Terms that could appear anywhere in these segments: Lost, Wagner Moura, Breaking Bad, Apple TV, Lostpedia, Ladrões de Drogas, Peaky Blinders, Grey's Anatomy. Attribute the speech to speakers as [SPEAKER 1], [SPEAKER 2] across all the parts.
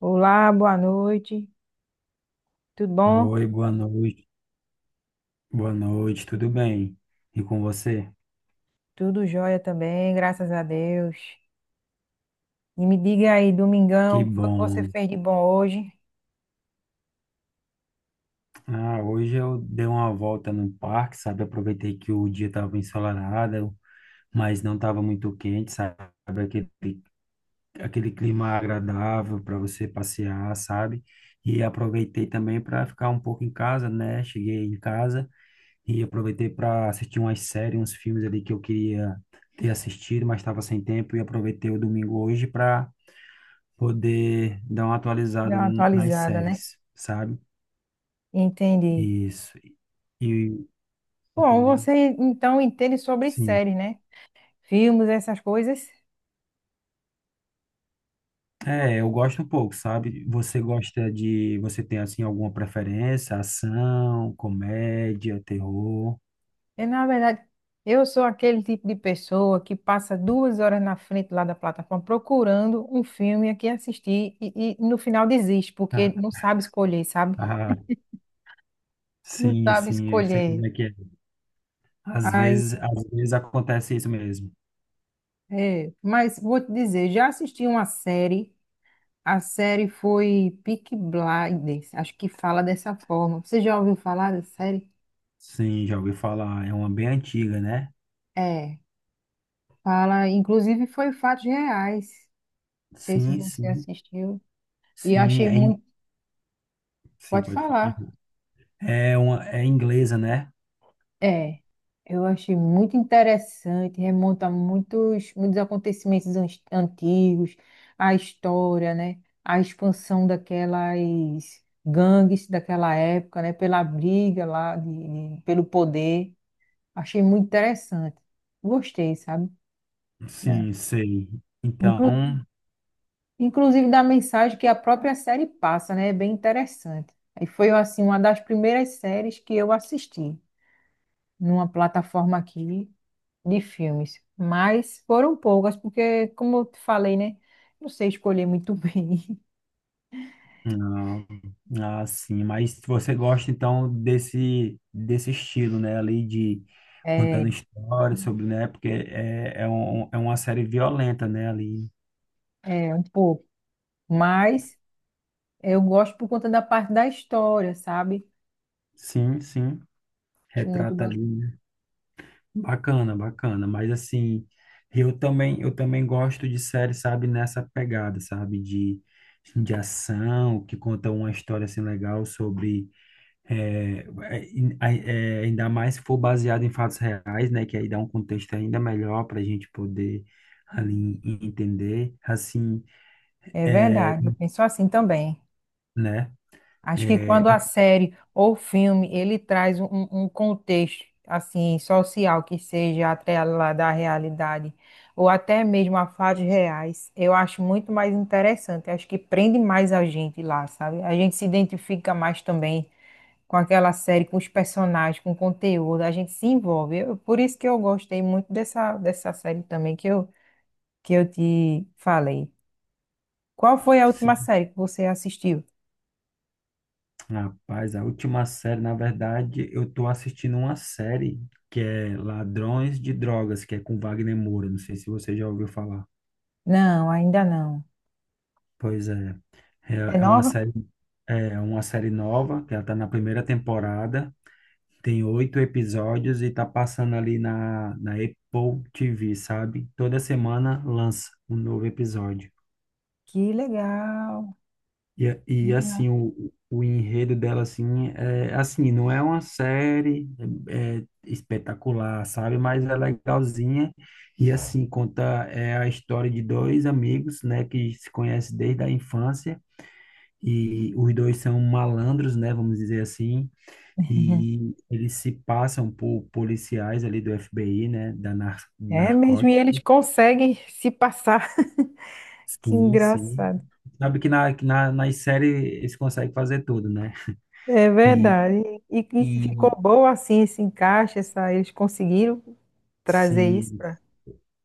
[SPEAKER 1] Olá, boa noite. Tudo bom?
[SPEAKER 2] Oi, boa noite. Boa noite, tudo bem? E com você?
[SPEAKER 1] Tudo jóia também, graças a Deus. E me diga aí,
[SPEAKER 2] Que
[SPEAKER 1] domingão, o que foi que você
[SPEAKER 2] bom.
[SPEAKER 1] fez de bom hoje?
[SPEAKER 2] Hoje eu dei uma volta no parque, sabe? Aproveitei que o dia estava ensolarado, mas não estava muito quente, sabe? Aquele, Aquele clima agradável para você passear, sabe? E aproveitei também para ficar um pouco em casa, né? Cheguei em casa e aproveitei para assistir umas séries, uns filmes ali que eu queria ter assistido, mas estava sem tempo e aproveitei o domingo hoje para poder dar uma
[SPEAKER 1] Dá
[SPEAKER 2] atualizada
[SPEAKER 1] uma
[SPEAKER 2] nas
[SPEAKER 1] atualizada, né?
[SPEAKER 2] séries, sabe?
[SPEAKER 1] Entendi.
[SPEAKER 2] Isso. E
[SPEAKER 1] Bom,
[SPEAKER 2] entendeu?
[SPEAKER 1] você então entende sobre
[SPEAKER 2] Sim.
[SPEAKER 1] séries, né? Filmes, essas coisas.
[SPEAKER 2] É, eu gosto um pouco, sabe? Você gosta de, você tem assim alguma preferência? Ação, comédia, terror?
[SPEAKER 1] É, na verdade, eu sou aquele tipo de pessoa que passa duas horas na frente lá da plataforma procurando um filme aqui assistir e no final desiste, porque
[SPEAKER 2] Ah,
[SPEAKER 1] não sabe escolher, sabe?
[SPEAKER 2] ah,
[SPEAKER 1] Não
[SPEAKER 2] sim,
[SPEAKER 1] sabe
[SPEAKER 2] sim, eu sei
[SPEAKER 1] escolher.
[SPEAKER 2] como é que é.
[SPEAKER 1] Aí
[SPEAKER 2] Às vezes acontece isso mesmo.
[SPEAKER 1] é, mas vou te dizer, já assisti uma série, a série foi Peaky Blinders, acho que fala dessa forma. Você já ouviu falar dessa série?
[SPEAKER 2] Sim, já ouvi falar, é uma bem antiga, né?
[SPEAKER 1] É, fala, inclusive foi fatos reais. Não sei se
[SPEAKER 2] Sim,
[SPEAKER 1] você
[SPEAKER 2] sim.
[SPEAKER 1] assistiu e
[SPEAKER 2] Sim,
[SPEAKER 1] achei
[SPEAKER 2] é,
[SPEAKER 1] muito.
[SPEAKER 2] sim,
[SPEAKER 1] Pode
[SPEAKER 2] pode falar.
[SPEAKER 1] falar.
[SPEAKER 2] É uma, é inglesa, né?
[SPEAKER 1] É, eu achei muito interessante, remonta a muitos, muitos acontecimentos antigos, a história, né? A expansão daquelas gangues daquela época, né? Pela briga lá, pelo poder. Achei muito interessante. Gostei, sabe? É.
[SPEAKER 2] Sim, sei.
[SPEAKER 1] Inclu-
[SPEAKER 2] Então,
[SPEAKER 1] Inclusive da mensagem que a própria série passa, né? É bem interessante. E foi, assim, uma das primeiras séries que eu assisti numa plataforma aqui de filmes, mas foram poucas, porque, como eu te falei, né? Não sei escolher muito bem.
[SPEAKER 2] sim, mas você gosta então desse estilo, né, ali de
[SPEAKER 1] É,
[SPEAKER 2] contando histórias sobre, né, porque é, é, é uma série violenta, né, ali.
[SPEAKER 1] é um pouco. Mas eu gosto por conta da parte da história, sabe?
[SPEAKER 2] Sim, sim,
[SPEAKER 1] Acho muito
[SPEAKER 2] retrata
[SPEAKER 1] bacana.
[SPEAKER 2] ali, né? Bacana, bacana, mas assim, eu também gosto de série, sabe, nessa pegada, sabe, de ação, que conta uma história assim legal sobre. É, Ainda mais se for baseado em fatos reais, né? Que aí dá um contexto ainda melhor para a gente poder ali entender, assim,
[SPEAKER 1] É verdade, eu penso assim também.
[SPEAKER 2] né?
[SPEAKER 1] Acho que
[SPEAKER 2] É,
[SPEAKER 1] quando a série ou filme ele traz um contexto assim social que seja atrelado à realidade ou até mesmo a fatos reais, eu acho muito mais interessante. Acho que prende mais a gente lá, sabe? A gente se identifica mais também com aquela série, com os personagens, com o conteúdo. A gente se envolve. Por isso que eu gostei muito dessa série também que eu te falei. Qual foi a última
[SPEAKER 2] sim,
[SPEAKER 1] série que você assistiu?
[SPEAKER 2] rapaz, a última série, na verdade, eu tô assistindo uma série que é Ladrões de Drogas, que é com Wagner Moura. Não sei se você já ouviu falar.
[SPEAKER 1] Não, ainda não.
[SPEAKER 2] Pois é, é,
[SPEAKER 1] É nova?
[SPEAKER 2] é uma série nova, que ela tá na primeira temporada. Tem oito episódios e tá passando ali na Apple TV, sabe? Toda semana lança um novo episódio.
[SPEAKER 1] Que legal,
[SPEAKER 2] E,
[SPEAKER 1] que
[SPEAKER 2] e
[SPEAKER 1] legal.
[SPEAKER 2] assim, o enredo dela, assim, é assim, não é uma série é, é espetacular, sabe? Mas é legalzinha. E assim, conta é a história de dois amigos, né, que se conhecem desde a infância. E os dois são malandros, né, vamos dizer assim.
[SPEAKER 1] Uhum.
[SPEAKER 2] E eles se passam por policiais ali do FBI, né? Da
[SPEAKER 1] É mesmo, e
[SPEAKER 2] narcótica.
[SPEAKER 1] eles conseguem se passar. Que
[SPEAKER 2] Sim, sim.
[SPEAKER 1] engraçado.
[SPEAKER 2] Sabe que nas séries eles conseguem fazer tudo, né?
[SPEAKER 1] É
[SPEAKER 2] E,
[SPEAKER 1] verdade. E ficou
[SPEAKER 2] e
[SPEAKER 1] bom assim esse encaixe, essa, eles conseguiram trazer isso
[SPEAKER 2] sim,
[SPEAKER 1] para.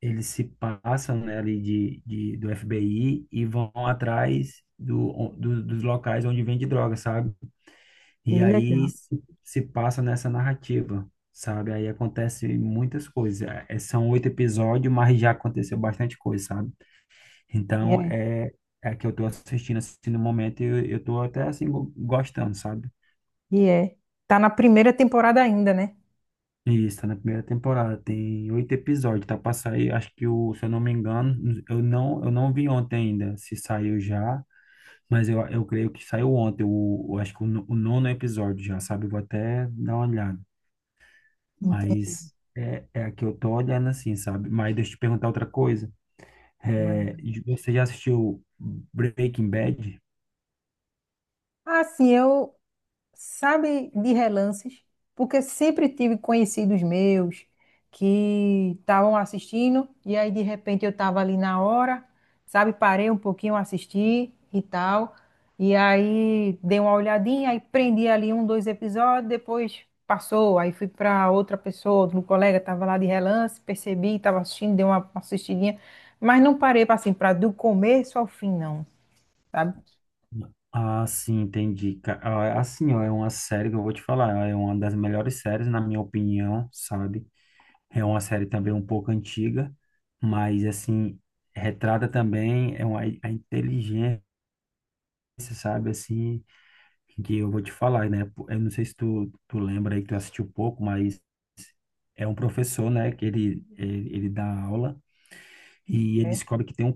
[SPEAKER 2] eles se passam, né, ali do FBI e vão atrás dos locais onde vende droga, sabe?
[SPEAKER 1] Que
[SPEAKER 2] E aí
[SPEAKER 1] legal.
[SPEAKER 2] se passa nessa narrativa, sabe? Aí acontece muitas coisas. É, são oito episódios, mas já aconteceu bastante coisa, sabe?
[SPEAKER 1] E
[SPEAKER 2] Então,
[SPEAKER 1] é,
[SPEAKER 2] é, é que eu tô assistindo assim no momento e eu tô até assim gostando, sabe?
[SPEAKER 1] e é. Tá na primeira temporada ainda, né?
[SPEAKER 2] E isso, tá na primeira temporada, tem oito episódios, tá pra sair, acho que o, se eu não me engano, eu não vi ontem ainda se saiu já, mas eu creio que saiu ontem, o, eu acho que o, o nono episódio já, sabe? Eu vou até dar uma olhada,
[SPEAKER 1] Entendi.
[SPEAKER 2] mas é, é a que eu tô olhando assim, sabe? Mas deixa eu te perguntar outra coisa, é, você já assistiu Breaking Bad?
[SPEAKER 1] Ah, sim, eu sabe, de relances, porque sempre tive conhecidos meus que estavam assistindo e aí de repente eu estava ali na hora, sabe, parei um pouquinho, assisti e tal, e aí dei uma olhadinha, aí prendi ali um, dois episódios, depois passou, aí fui para outra pessoa, um colega estava lá de relance, percebi, estava assistindo, dei uma assistidinha, mas não parei para assim, para do começo ao fim não, sabe?
[SPEAKER 2] Ah, sim, entendi. É assim, ó, é uma série que eu vou te falar, é uma das melhores séries, na minha opinião, sabe? É uma série também um pouco antiga, mas, assim, retrata também é uma, a inteligência, sabe? Assim, que eu vou te falar, né? Pô, eu não sei se tu, tu lembra aí que tu assistiu pouco, mas é um professor, né? Que ele, ele dá aula e ele
[SPEAKER 1] É,
[SPEAKER 2] descobre que tem um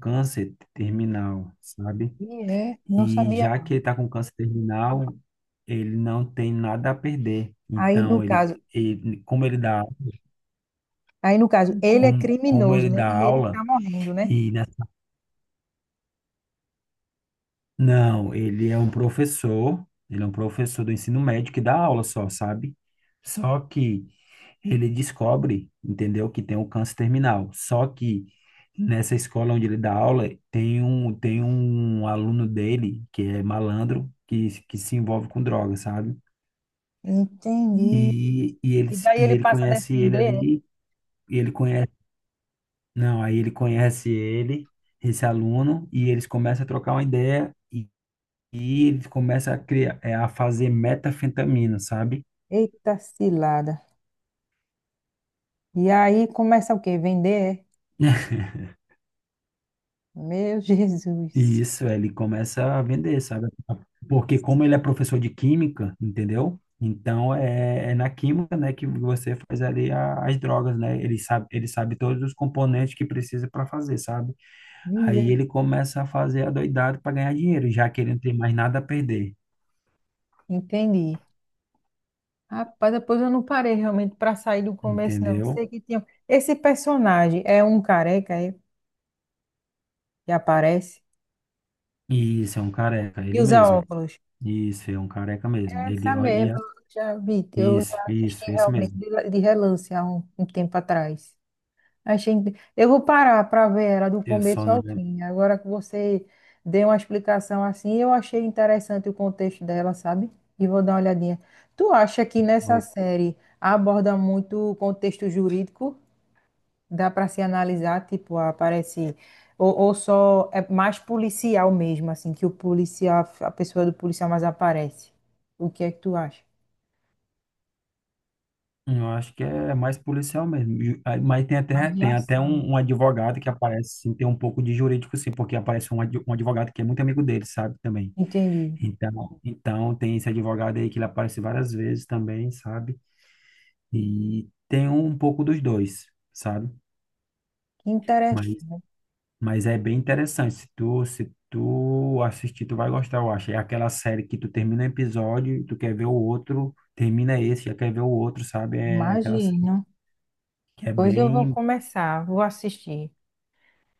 [SPEAKER 2] câncer terminal, sabe?
[SPEAKER 1] e é, não
[SPEAKER 2] E
[SPEAKER 1] sabia.
[SPEAKER 2] já que ele tá com câncer terminal, ele não tem nada a perder.
[SPEAKER 1] Aí, no
[SPEAKER 2] Então, ele,
[SPEAKER 1] caso,
[SPEAKER 2] ele como ele dá,
[SPEAKER 1] Aí, no caso, ele é
[SPEAKER 2] como, como
[SPEAKER 1] criminoso,
[SPEAKER 2] ele
[SPEAKER 1] né?
[SPEAKER 2] dá
[SPEAKER 1] E ele
[SPEAKER 2] aula,
[SPEAKER 1] tá morrendo, né?
[SPEAKER 2] e na- não, ele é um professor, ele é um professor do ensino médio que dá aula só, sabe? Só que ele descobre, entendeu, que tem um câncer terminal. Só que nessa escola onde ele dá aula, tem um aluno dele que é malandro, que se envolve com droga, sabe?
[SPEAKER 1] Entendi.
[SPEAKER 2] E, ele,
[SPEAKER 1] E
[SPEAKER 2] se-
[SPEAKER 1] daí
[SPEAKER 2] e
[SPEAKER 1] ele
[SPEAKER 2] ele
[SPEAKER 1] passa a
[SPEAKER 2] conhece ele
[SPEAKER 1] defender.
[SPEAKER 2] ali, e ele conhece. Não, aí ele conhece ele, esse aluno, e eles começam a trocar uma ideia e ele começa a criar, é, a fazer metanfetamina, sabe?
[SPEAKER 1] É? Eita cilada. E aí começa o quê? Vender? É? Meu
[SPEAKER 2] E
[SPEAKER 1] Jesus.
[SPEAKER 2] isso, ele começa a vender, sabe? Porque como ele é professor de química, entendeu? Então é, é na química, né, que você faz ali as drogas, né? Ele sabe todos os componentes que precisa para fazer, sabe? Aí
[SPEAKER 1] Miser-
[SPEAKER 2] ele começa a fazer a doidada para ganhar dinheiro, já que ele não tem mais nada a perder,
[SPEAKER 1] Entendi. Rapaz, depois eu não parei realmente para sair do começo, não.
[SPEAKER 2] entendeu?
[SPEAKER 1] Sei que tinha. Esse personagem é um careca, é? Que aparece
[SPEAKER 2] Isso, é um careca,
[SPEAKER 1] e
[SPEAKER 2] ele
[SPEAKER 1] usa
[SPEAKER 2] mesmo.
[SPEAKER 1] óculos.
[SPEAKER 2] Isso, é um careca mesmo.
[SPEAKER 1] É
[SPEAKER 2] Ele,
[SPEAKER 1] essa
[SPEAKER 2] ó,
[SPEAKER 1] mesmo, eu já vi. Eu
[SPEAKER 2] isso,
[SPEAKER 1] já assisti
[SPEAKER 2] isso, esse
[SPEAKER 1] realmente
[SPEAKER 2] mesmo.
[SPEAKER 1] de relance há um tempo atrás. Achei... inte- eu vou parar para ver ela do
[SPEAKER 2] Eu só
[SPEAKER 1] começo
[SPEAKER 2] não
[SPEAKER 1] ao
[SPEAKER 2] lembro.
[SPEAKER 1] fim. Agora que você deu uma explicação assim, eu achei interessante o contexto dela, sabe? E vou dar uma olhadinha. Tu acha que nessa série aborda muito o contexto jurídico? Dá para se analisar, tipo, aparece. Ou só é mais policial mesmo, assim, que o policial, a pessoa do policial mais aparece. O que é que tu acha?
[SPEAKER 2] Eu acho que é mais policial mesmo. Mas
[SPEAKER 1] Mais de
[SPEAKER 2] tem até
[SPEAKER 1] ação, né?
[SPEAKER 2] um, um advogado que aparece, assim, tem um pouco de jurídico, sim, porque aparece um, um advogado que é muito amigo dele, sabe, também.
[SPEAKER 1] Entendi.
[SPEAKER 2] Então, então tem esse advogado aí que ele aparece várias vezes também, sabe? E tem um pouco dos dois, sabe?
[SPEAKER 1] Que interessante.
[SPEAKER 2] Mas é bem interessante. Se tu, se tu assistir, tu vai gostar, eu acho. É aquela série que tu termina um episódio e tu quer ver o outro, termina esse, já quer ver o outro, sabe? É aquela
[SPEAKER 1] Imagino.
[SPEAKER 2] série que é
[SPEAKER 1] Hoje eu vou
[SPEAKER 2] bem,
[SPEAKER 1] começar, vou assistir.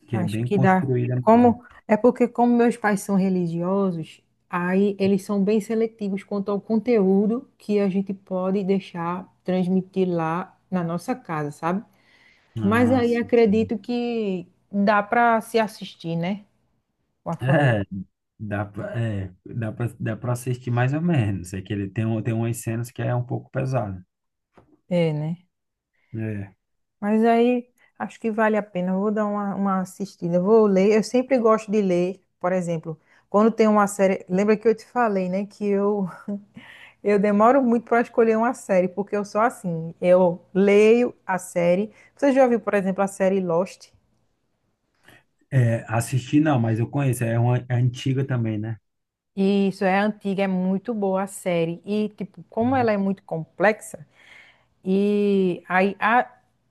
[SPEAKER 2] que é
[SPEAKER 1] Acho
[SPEAKER 2] bem
[SPEAKER 1] que dá.
[SPEAKER 2] construída mesmo.
[SPEAKER 1] Como é porque como meus pais são religiosos, aí eles são bem seletivos quanto ao conteúdo que a gente pode deixar transmitir lá na nossa casa, sabe? Mas
[SPEAKER 2] Ah,
[SPEAKER 1] aí
[SPEAKER 2] sim.
[SPEAKER 1] acredito que dá para se assistir, né? Com a família.
[SPEAKER 2] É, dá pra assistir mais ou menos. É que ele tem, tem umas cenas que é um pouco pesada.
[SPEAKER 1] É, né?
[SPEAKER 2] É,
[SPEAKER 1] Mas aí acho que vale a pena. Eu vou dar uma assistida. Eu vou ler. Eu sempre gosto de ler, por exemplo, quando tem uma série. Lembra que eu te falei, né? Que eu demoro muito para escolher uma série, porque eu sou assim. Eu leio a série. Você já viu, por exemplo, a série Lost?
[SPEAKER 2] é, assistir não, mas eu conheço. É uma é antiga também, né?
[SPEAKER 1] E isso, é antiga, é muito boa a série. E, tipo, como ela é muito complexa, E aí a-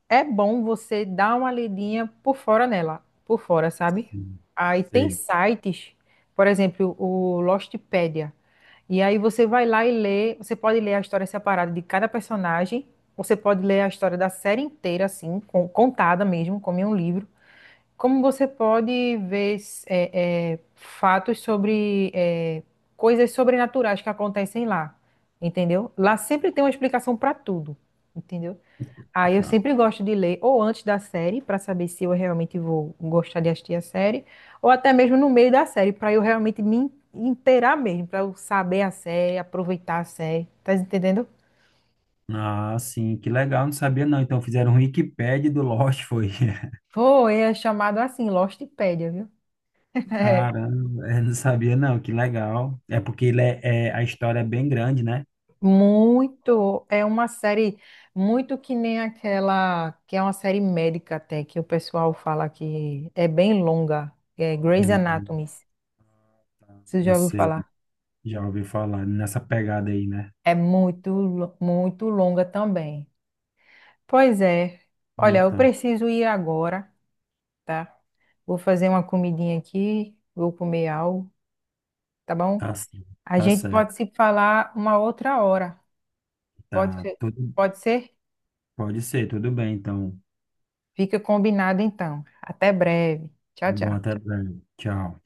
[SPEAKER 1] é bom você dar uma lidinha por fora nela, por fora, sabe?
[SPEAKER 2] Sim,
[SPEAKER 1] Aí tem
[SPEAKER 2] sei.
[SPEAKER 1] sites, por exemplo, o Lostpedia. E aí você vai lá e lê, você pode ler a história separada de cada personagem, você pode ler a história da série inteira, assim, contada mesmo, como em um livro. Como você pode ver fatos sobre coisas sobrenaturais que acontecem lá, entendeu? Lá sempre tem uma explicação para tudo, entendeu? Aí eu
[SPEAKER 2] Então.
[SPEAKER 1] sempre gosto de ler ou antes da série, para saber se eu realmente vou gostar de assistir a série, ou até mesmo no meio da série, para eu realmente inteirar mesmo, para eu saber a série, aproveitar a série, tá entendendo?
[SPEAKER 2] Ah, sim, que legal, não sabia não. Então fizeram um Wikipédia do Lost, foi.
[SPEAKER 1] Foi, é chamado assim, Lostpedia, viu? É,
[SPEAKER 2] Caramba, é, não sabia não, que legal. É porque ele é, a história é bem grande, né?
[SPEAKER 1] muito, é uma série muito que nem aquela que é uma série médica até que o pessoal fala que é bem longa, é Grey's
[SPEAKER 2] Hum,
[SPEAKER 1] Anatomy.
[SPEAKER 2] tá,
[SPEAKER 1] Você
[SPEAKER 2] eu
[SPEAKER 1] já ouviu
[SPEAKER 2] sei,
[SPEAKER 1] falar?
[SPEAKER 2] já ouvi falar nessa pegada aí, né?
[SPEAKER 1] É muito, muito longa também. Pois é. Olha, eu
[SPEAKER 2] Então,
[SPEAKER 1] preciso ir agora, tá? Vou fazer uma comidinha aqui, vou comer algo, tá bom?
[SPEAKER 2] tá, c-
[SPEAKER 1] A
[SPEAKER 2] tá
[SPEAKER 1] gente
[SPEAKER 2] certo,
[SPEAKER 1] pode se falar uma outra hora. Pode
[SPEAKER 2] tá.
[SPEAKER 1] ser?
[SPEAKER 2] Tudo,
[SPEAKER 1] Pode ser?
[SPEAKER 2] pode ser, tudo bem, então.
[SPEAKER 1] Fica combinado então. Até breve. Tchau,
[SPEAKER 2] Tá bom,
[SPEAKER 1] tchau.
[SPEAKER 2] até breve. Tchau.